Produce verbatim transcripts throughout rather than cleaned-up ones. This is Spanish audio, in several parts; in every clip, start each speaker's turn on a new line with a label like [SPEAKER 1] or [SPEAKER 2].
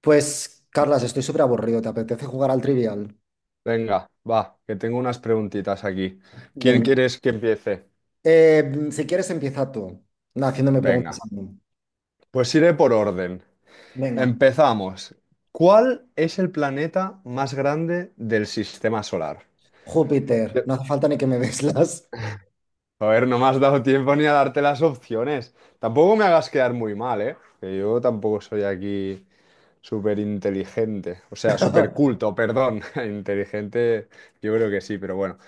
[SPEAKER 1] Pues, Carlas, estoy súper aburrido. ¿Te apetece jugar al Trivial?
[SPEAKER 2] Venga, va, que tengo unas preguntitas aquí. ¿Quién
[SPEAKER 1] Venga.
[SPEAKER 2] quieres que empiece?
[SPEAKER 1] Eh, si quieres, empieza tú, na, haciéndome preguntas
[SPEAKER 2] Venga,
[SPEAKER 1] a mí.
[SPEAKER 2] pues iré por orden.
[SPEAKER 1] Venga.
[SPEAKER 2] Empezamos. ¿Cuál es el planeta más grande del sistema solar?
[SPEAKER 1] Júpiter,
[SPEAKER 2] Te-
[SPEAKER 1] no hace falta ni que me des las.
[SPEAKER 2] Joder, no me has dado tiempo ni a darte las opciones. Tampoco me hagas quedar muy mal, ¿eh? Que yo tampoco soy aquí súper inteligente. O sea, súper culto, perdón. Inteligente, yo creo que sí, pero bueno.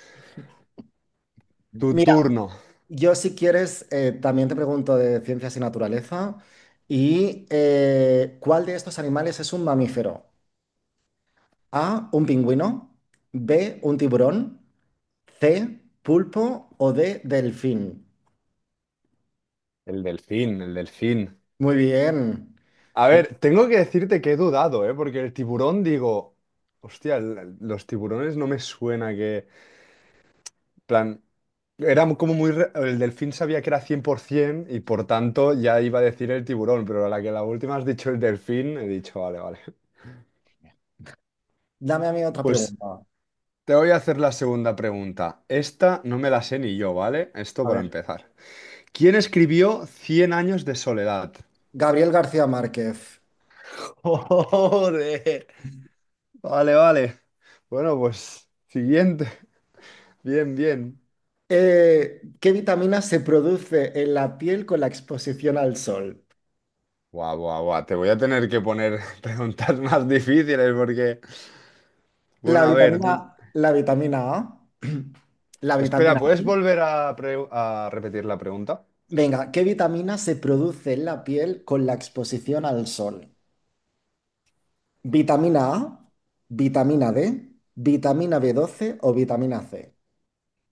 [SPEAKER 2] Tu
[SPEAKER 1] Mira,
[SPEAKER 2] turno.
[SPEAKER 1] yo si quieres, eh, también te pregunto de ciencias y naturaleza. ¿Y eh, cuál de estos animales es un mamífero? A, un pingüino. B, un tiburón. C, pulpo o D, delfín.
[SPEAKER 2] El delfín, el delfín.
[SPEAKER 1] Muy bien.
[SPEAKER 2] A ver, tengo que decirte que he dudado, ¿eh? Porque el tiburón, digo, hostia, el- el- los tiburones no me suena que, plan, era como muy re- El delfín sabía que era cien por ciento y por tanto ya iba a decir el tiburón, pero a la que la última has dicho el delfín, he dicho, vale, vale.
[SPEAKER 1] Dame a mí otra
[SPEAKER 2] Pues
[SPEAKER 1] pregunta.
[SPEAKER 2] te voy a hacer la segunda pregunta. Esta no me la sé ni yo, ¿vale? Esto
[SPEAKER 1] A
[SPEAKER 2] para
[SPEAKER 1] ver.
[SPEAKER 2] empezar. ¿Quién escribió Cien años de soledad?
[SPEAKER 1] Gabriel García Márquez.
[SPEAKER 2] Joder. Vale, vale. Bueno, pues siguiente. Bien, bien.
[SPEAKER 1] Eh, ¿qué vitamina se produce en la piel con la exposición al sol?
[SPEAKER 2] Guau, guau, guau. Te voy a tener que poner preguntas más difíciles porque...
[SPEAKER 1] La
[SPEAKER 2] Bueno, a ver,
[SPEAKER 1] vitamina,
[SPEAKER 2] dim-
[SPEAKER 1] la vitamina A, la
[SPEAKER 2] espera,
[SPEAKER 1] vitamina
[SPEAKER 2] ¿puedes
[SPEAKER 1] I.
[SPEAKER 2] volver a, pre- a repetir la pregunta?
[SPEAKER 1] Venga, ¿qué vitamina se produce en la piel con la exposición al sol? ¿Vitamina A, vitamina D, vitamina b doce o vitamina C?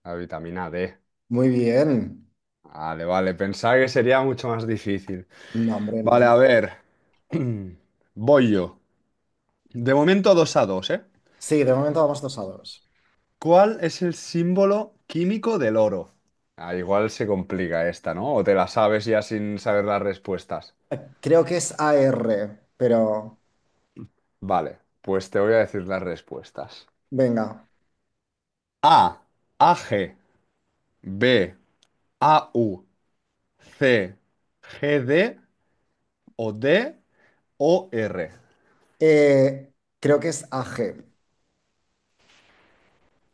[SPEAKER 2] La vitamina D.
[SPEAKER 1] Muy bien.
[SPEAKER 2] Vale, vale, pensaba que sería mucho más difícil.
[SPEAKER 1] No, hombre,
[SPEAKER 2] Vale,
[SPEAKER 1] no.
[SPEAKER 2] a ver. Voy yo. De momento dos a dos, ¿eh?
[SPEAKER 1] Sí, de momento vamos dos a dos.
[SPEAKER 2] ¿Cuál es el símbolo químico del oro? Ah, igual se complica esta, ¿no? O te la sabes ya sin saber las respuestas.
[SPEAKER 1] Creo que es A R, pero
[SPEAKER 2] Vale, pues te voy a decir las respuestas.
[SPEAKER 1] venga.
[SPEAKER 2] A, AG, B, A U, C, G D o D o R.
[SPEAKER 1] Eh, Creo que es A G.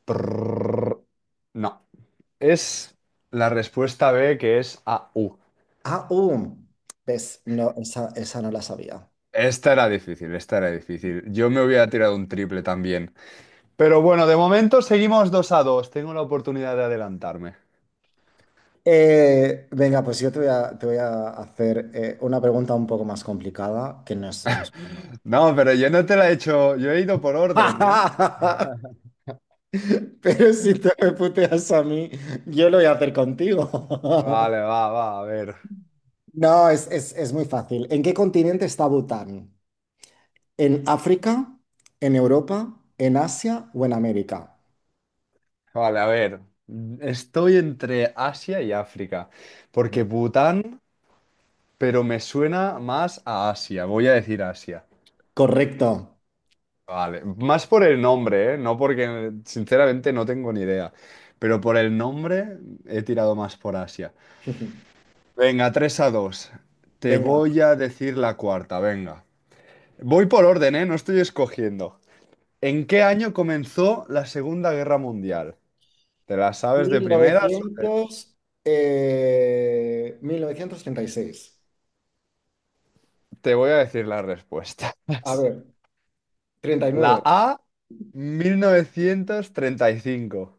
[SPEAKER 2] Prrr. No, es la respuesta B, que es A U.
[SPEAKER 1] Ah, uh, ves, no, esa, esa no la sabía.
[SPEAKER 2] Esta era difícil, esta era difícil. Yo me hubiera tirado un triple también. Pero bueno, de momento seguimos dos a dos. Tengo la oportunidad de adelantarme.
[SPEAKER 1] Eh, venga, pues yo te voy a, te voy a hacer eh, una pregunta un poco más complicada, que no es, no es para nada.
[SPEAKER 2] No, pero yo no te la he hecho. Yo he ido por orden, ¿eh?
[SPEAKER 1] Pero si te me puteas a mí, yo lo voy a hacer contigo.
[SPEAKER 2] Vale, va, va, a ver.
[SPEAKER 1] No, es, es, es muy fácil. ¿En qué continente está Bután? ¿En África? ¿En Europa? ¿En Asia o en América?
[SPEAKER 2] Vale, a ver, estoy entre Asia y África, porque Bután, pero me suena más a Asia, voy a decir Asia.
[SPEAKER 1] Correcto.
[SPEAKER 2] Vale, más por el nombre, ¿eh? No porque sinceramente no tengo ni idea, pero por el nombre he tirado más por Asia. Venga, tres a dos. Te
[SPEAKER 1] Venga.
[SPEAKER 2] voy a decir la cuarta, venga. Voy por orden, ¿eh? No estoy escogiendo. ¿En qué año comenzó la Segunda Guerra Mundial? ¿Te la sabes de primeras?
[SPEAKER 1] mil novecientos, eh, mil novecientos treinta y seis.
[SPEAKER 2] Te voy a decir las respuestas.
[SPEAKER 1] A ver, treinta y
[SPEAKER 2] La
[SPEAKER 1] nueve.
[SPEAKER 2] A, mil novecientos treinta y cinco;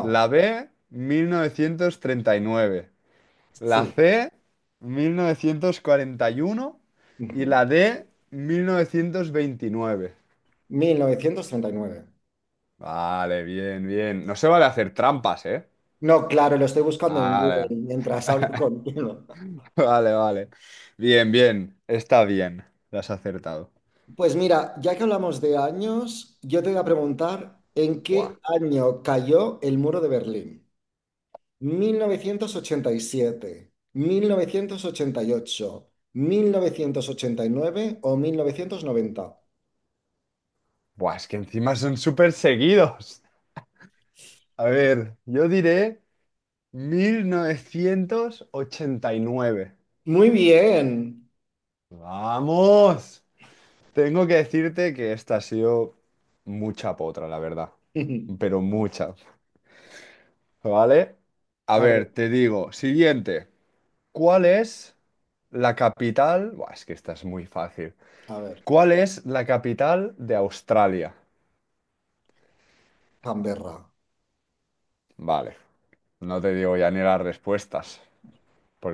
[SPEAKER 2] la B, mil novecientos treinta y nueve; la
[SPEAKER 1] sí.
[SPEAKER 2] C, mil novecientos cuarenta y uno; y
[SPEAKER 1] Ujú.
[SPEAKER 2] la D, mil novecientos veintinueve.
[SPEAKER 1] Mil novecientos treinta y nueve.
[SPEAKER 2] Vale, bien, bien. No se vale hacer trampas, ¿eh?
[SPEAKER 1] No, claro, lo estoy buscando en Google
[SPEAKER 2] Vale,
[SPEAKER 1] mientras hablo contigo.
[SPEAKER 2] vale, vale. Bien, bien. Está bien. Lo has acertado.
[SPEAKER 1] Pues mira, ya que hablamos de años, yo te voy a preguntar en
[SPEAKER 2] Buah.
[SPEAKER 1] qué año cayó el muro de Berlín. mil mil mil novecientos novecientos novecientos ochenta ochenta y y siete ocho, mil novecientos ochenta y nueve o mil novecientos noventa.
[SPEAKER 2] Buah, es que encima son súper seguidos. A ver, yo diré mil novecientos ochenta y nueve.
[SPEAKER 1] Muy bien.
[SPEAKER 2] Vamos. Tengo que decirte que esta ha sido mucha potra, la verdad. Pero mucha. ¿Vale? A
[SPEAKER 1] A ver,
[SPEAKER 2] ver, te digo, siguiente. ¿Cuál es la capital? Buah, es que esta es muy fácil.
[SPEAKER 1] a ver,
[SPEAKER 2] ¿Cuál es la capital de Australia?
[SPEAKER 1] Canberra.
[SPEAKER 2] Vale, no te digo ya ni las respuestas,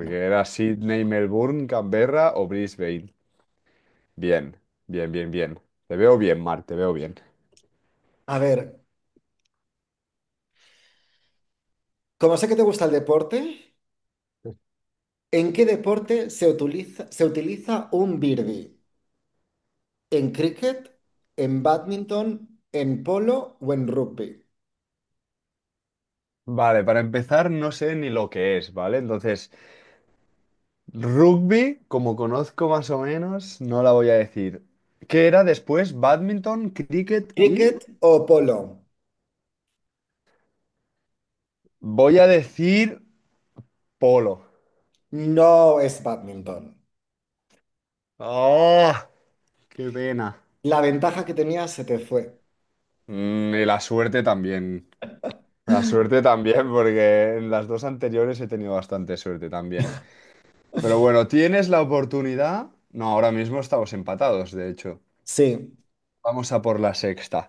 [SPEAKER 1] No.
[SPEAKER 2] era Sydney, Melbourne, Canberra o Brisbane. Bien, bien, bien, bien. Te veo bien, Mar, te veo bien.
[SPEAKER 1] A ver, como sé que te gusta el deporte, ¿en qué deporte se utiliza, se utiliza un birdie? ¿En cricket, en badminton, en polo o en rugby?
[SPEAKER 2] Vale, para empezar, no sé ni lo que es, ¿vale? Entonces, rugby, como conozco más o menos, no la voy a decir. ¿Qué era después? Badminton, cricket y...
[SPEAKER 1] ¿Cricket o polo?
[SPEAKER 2] Voy a decir polo.
[SPEAKER 1] No es badminton.
[SPEAKER 2] ¡Ah! ¡Qué pena!
[SPEAKER 1] La ventaja que tenía se te fue.
[SPEAKER 2] Mm, y la suerte también. La suerte también, porque en las dos anteriores he tenido bastante suerte también. Pero bueno, tienes la oportunidad. No, ahora mismo estamos empatados, de hecho.
[SPEAKER 1] Sí,
[SPEAKER 2] Vamos a por la sexta.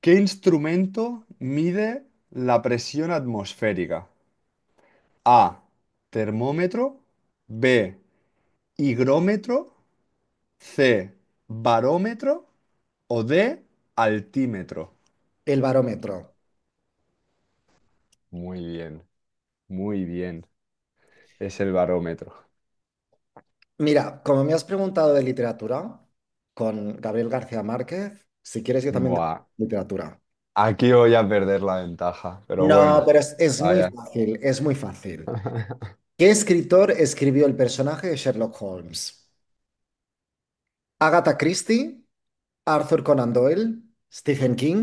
[SPEAKER 2] ¿Qué instrumento mide la presión atmosférica? A, termómetro. B, higrómetro. C, barómetro. O D, altímetro.
[SPEAKER 1] el barómetro.
[SPEAKER 2] Muy bien, muy bien. Es el barómetro.
[SPEAKER 1] Mira, como me has preguntado de literatura con Gabriel García Márquez, si quieres yo también de
[SPEAKER 2] Buah,
[SPEAKER 1] literatura.
[SPEAKER 2] aquí voy a perder la ventaja, pero
[SPEAKER 1] No,
[SPEAKER 2] bueno,
[SPEAKER 1] pero es, es muy
[SPEAKER 2] vaya.
[SPEAKER 1] fácil, es muy fácil. ¿Qué escritor escribió el personaje de Sherlock Holmes? ¿Agatha Christie, Arthur Conan Doyle, Stephen King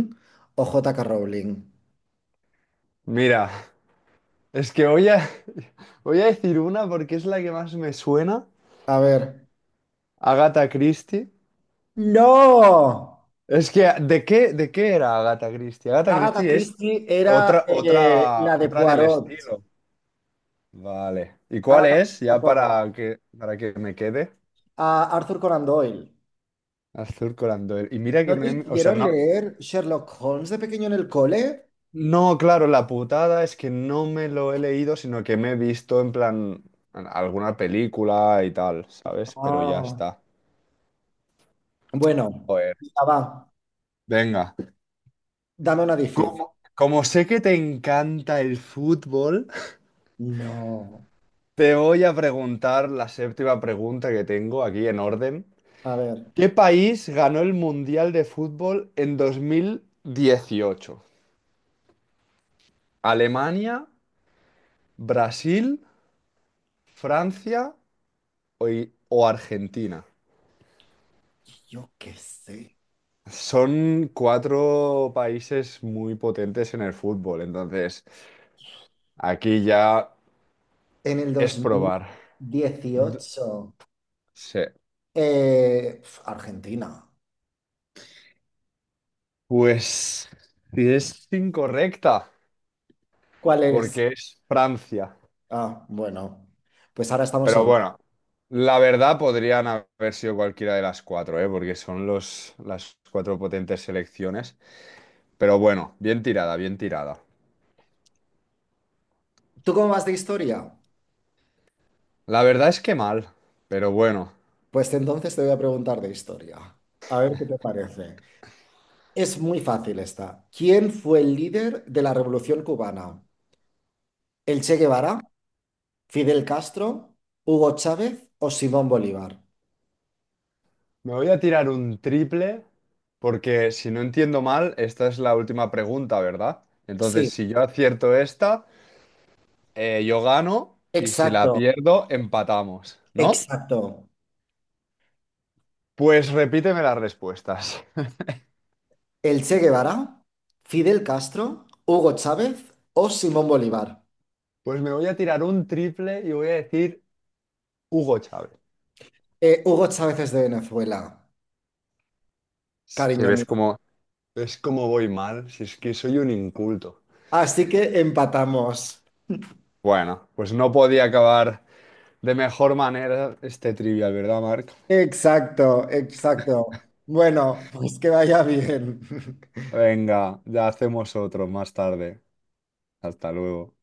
[SPEAKER 1] o J K. Rowling?
[SPEAKER 2] Mira, es que voy a, voy a decir una porque es la que más me suena.
[SPEAKER 1] A ver.
[SPEAKER 2] Agatha Christie.
[SPEAKER 1] ¡No!
[SPEAKER 2] Es que, ¿de qué, de qué era Agatha Christie? Agatha
[SPEAKER 1] Agatha
[SPEAKER 2] Christie es
[SPEAKER 1] Christie era
[SPEAKER 2] otra,
[SPEAKER 1] eh,
[SPEAKER 2] otra,
[SPEAKER 1] la de
[SPEAKER 2] otra del
[SPEAKER 1] Poirot.
[SPEAKER 2] estilo. Vale. ¿Y cuál
[SPEAKER 1] Agatha
[SPEAKER 2] es?
[SPEAKER 1] Christie era
[SPEAKER 2] Ya
[SPEAKER 1] Poirot.
[SPEAKER 2] para que, para que me quede.
[SPEAKER 1] A Arthur Conan Doyle.
[SPEAKER 2] Azul Conan Doyle. Y mira que
[SPEAKER 1] ¿No te
[SPEAKER 2] me... O sea,
[SPEAKER 1] hicieron
[SPEAKER 2] no...
[SPEAKER 1] leer Sherlock Holmes de pequeño en el cole?
[SPEAKER 2] No, claro, la putada es que no me lo he leído, sino que me he visto en plan en alguna película y tal, ¿sabes? Pero ya
[SPEAKER 1] Ah.
[SPEAKER 2] está.
[SPEAKER 1] Bueno,
[SPEAKER 2] Joder.
[SPEAKER 1] ya va.
[SPEAKER 2] Venga.
[SPEAKER 1] Dame una difícil.
[SPEAKER 2] Co- Como sé que te encanta el fútbol...
[SPEAKER 1] No.
[SPEAKER 2] Te voy a preguntar la séptima pregunta que tengo aquí en orden.
[SPEAKER 1] A ver,
[SPEAKER 2] ¿Qué país ganó el Mundial de Fútbol en dos mil dieciocho? ¿Alemania, Brasil, Francia o, I- o Argentina?
[SPEAKER 1] yo qué sé.
[SPEAKER 2] Son cuatro países muy potentes en el fútbol, entonces aquí ya
[SPEAKER 1] En el
[SPEAKER 2] es probar. D-
[SPEAKER 1] dos mil dieciocho,
[SPEAKER 2] Sí.
[SPEAKER 1] eh, pf, Argentina.
[SPEAKER 2] Pues si es incorrecta,
[SPEAKER 1] ¿Cuál eres?
[SPEAKER 2] porque es Francia.
[SPEAKER 1] Ah, bueno, pues ahora estamos
[SPEAKER 2] Pero
[SPEAKER 1] en...
[SPEAKER 2] bueno, la verdad podrían haber sido cualquiera de las cuatro, ¿eh? Porque son los, las cuatro potentes selecciones. Pero bueno, bien tirada, bien tirada.
[SPEAKER 1] ¿Tú cómo vas de historia?
[SPEAKER 2] La verdad es que mal, pero bueno.
[SPEAKER 1] Pues entonces te voy a preguntar de historia. A ver qué te parece. Es muy fácil esta. ¿Quién fue el líder de la Revolución Cubana? ¿El Che Guevara, Fidel Castro, Hugo Chávez o Simón Bolívar?
[SPEAKER 2] Me voy a tirar un triple porque si no entiendo mal, esta es la última pregunta, ¿verdad? Entonces,
[SPEAKER 1] Sí,
[SPEAKER 2] si yo acierto esta, eh, yo gano y si la
[SPEAKER 1] exacto,
[SPEAKER 2] pierdo, empatamos, ¿no?
[SPEAKER 1] exacto.
[SPEAKER 2] Pues repíteme las respuestas.
[SPEAKER 1] El Che Guevara, Fidel Castro, Hugo Chávez o Simón Bolívar.
[SPEAKER 2] Pues me voy a tirar un triple y voy a decir Hugo Chávez.
[SPEAKER 1] Eh, Hugo Chávez es de Venezuela,
[SPEAKER 2] Es que
[SPEAKER 1] cariño
[SPEAKER 2] ves
[SPEAKER 1] mío.
[SPEAKER 2] como, ¿Ves cómo voy mal? Si es que soy un inculto.
[SPEAKER 1] Así que empatamos.
[SPEAKER 2] Bueno, pues no podía acabar de mejor manera este trivial, ¿verdad, Marc?
[SPEAKER 1] Exacto, exacto. Bueno, pues que vaya bien.
[SPEAKER 2] Venga, ya hacemos otro más tarde. Hasta luego.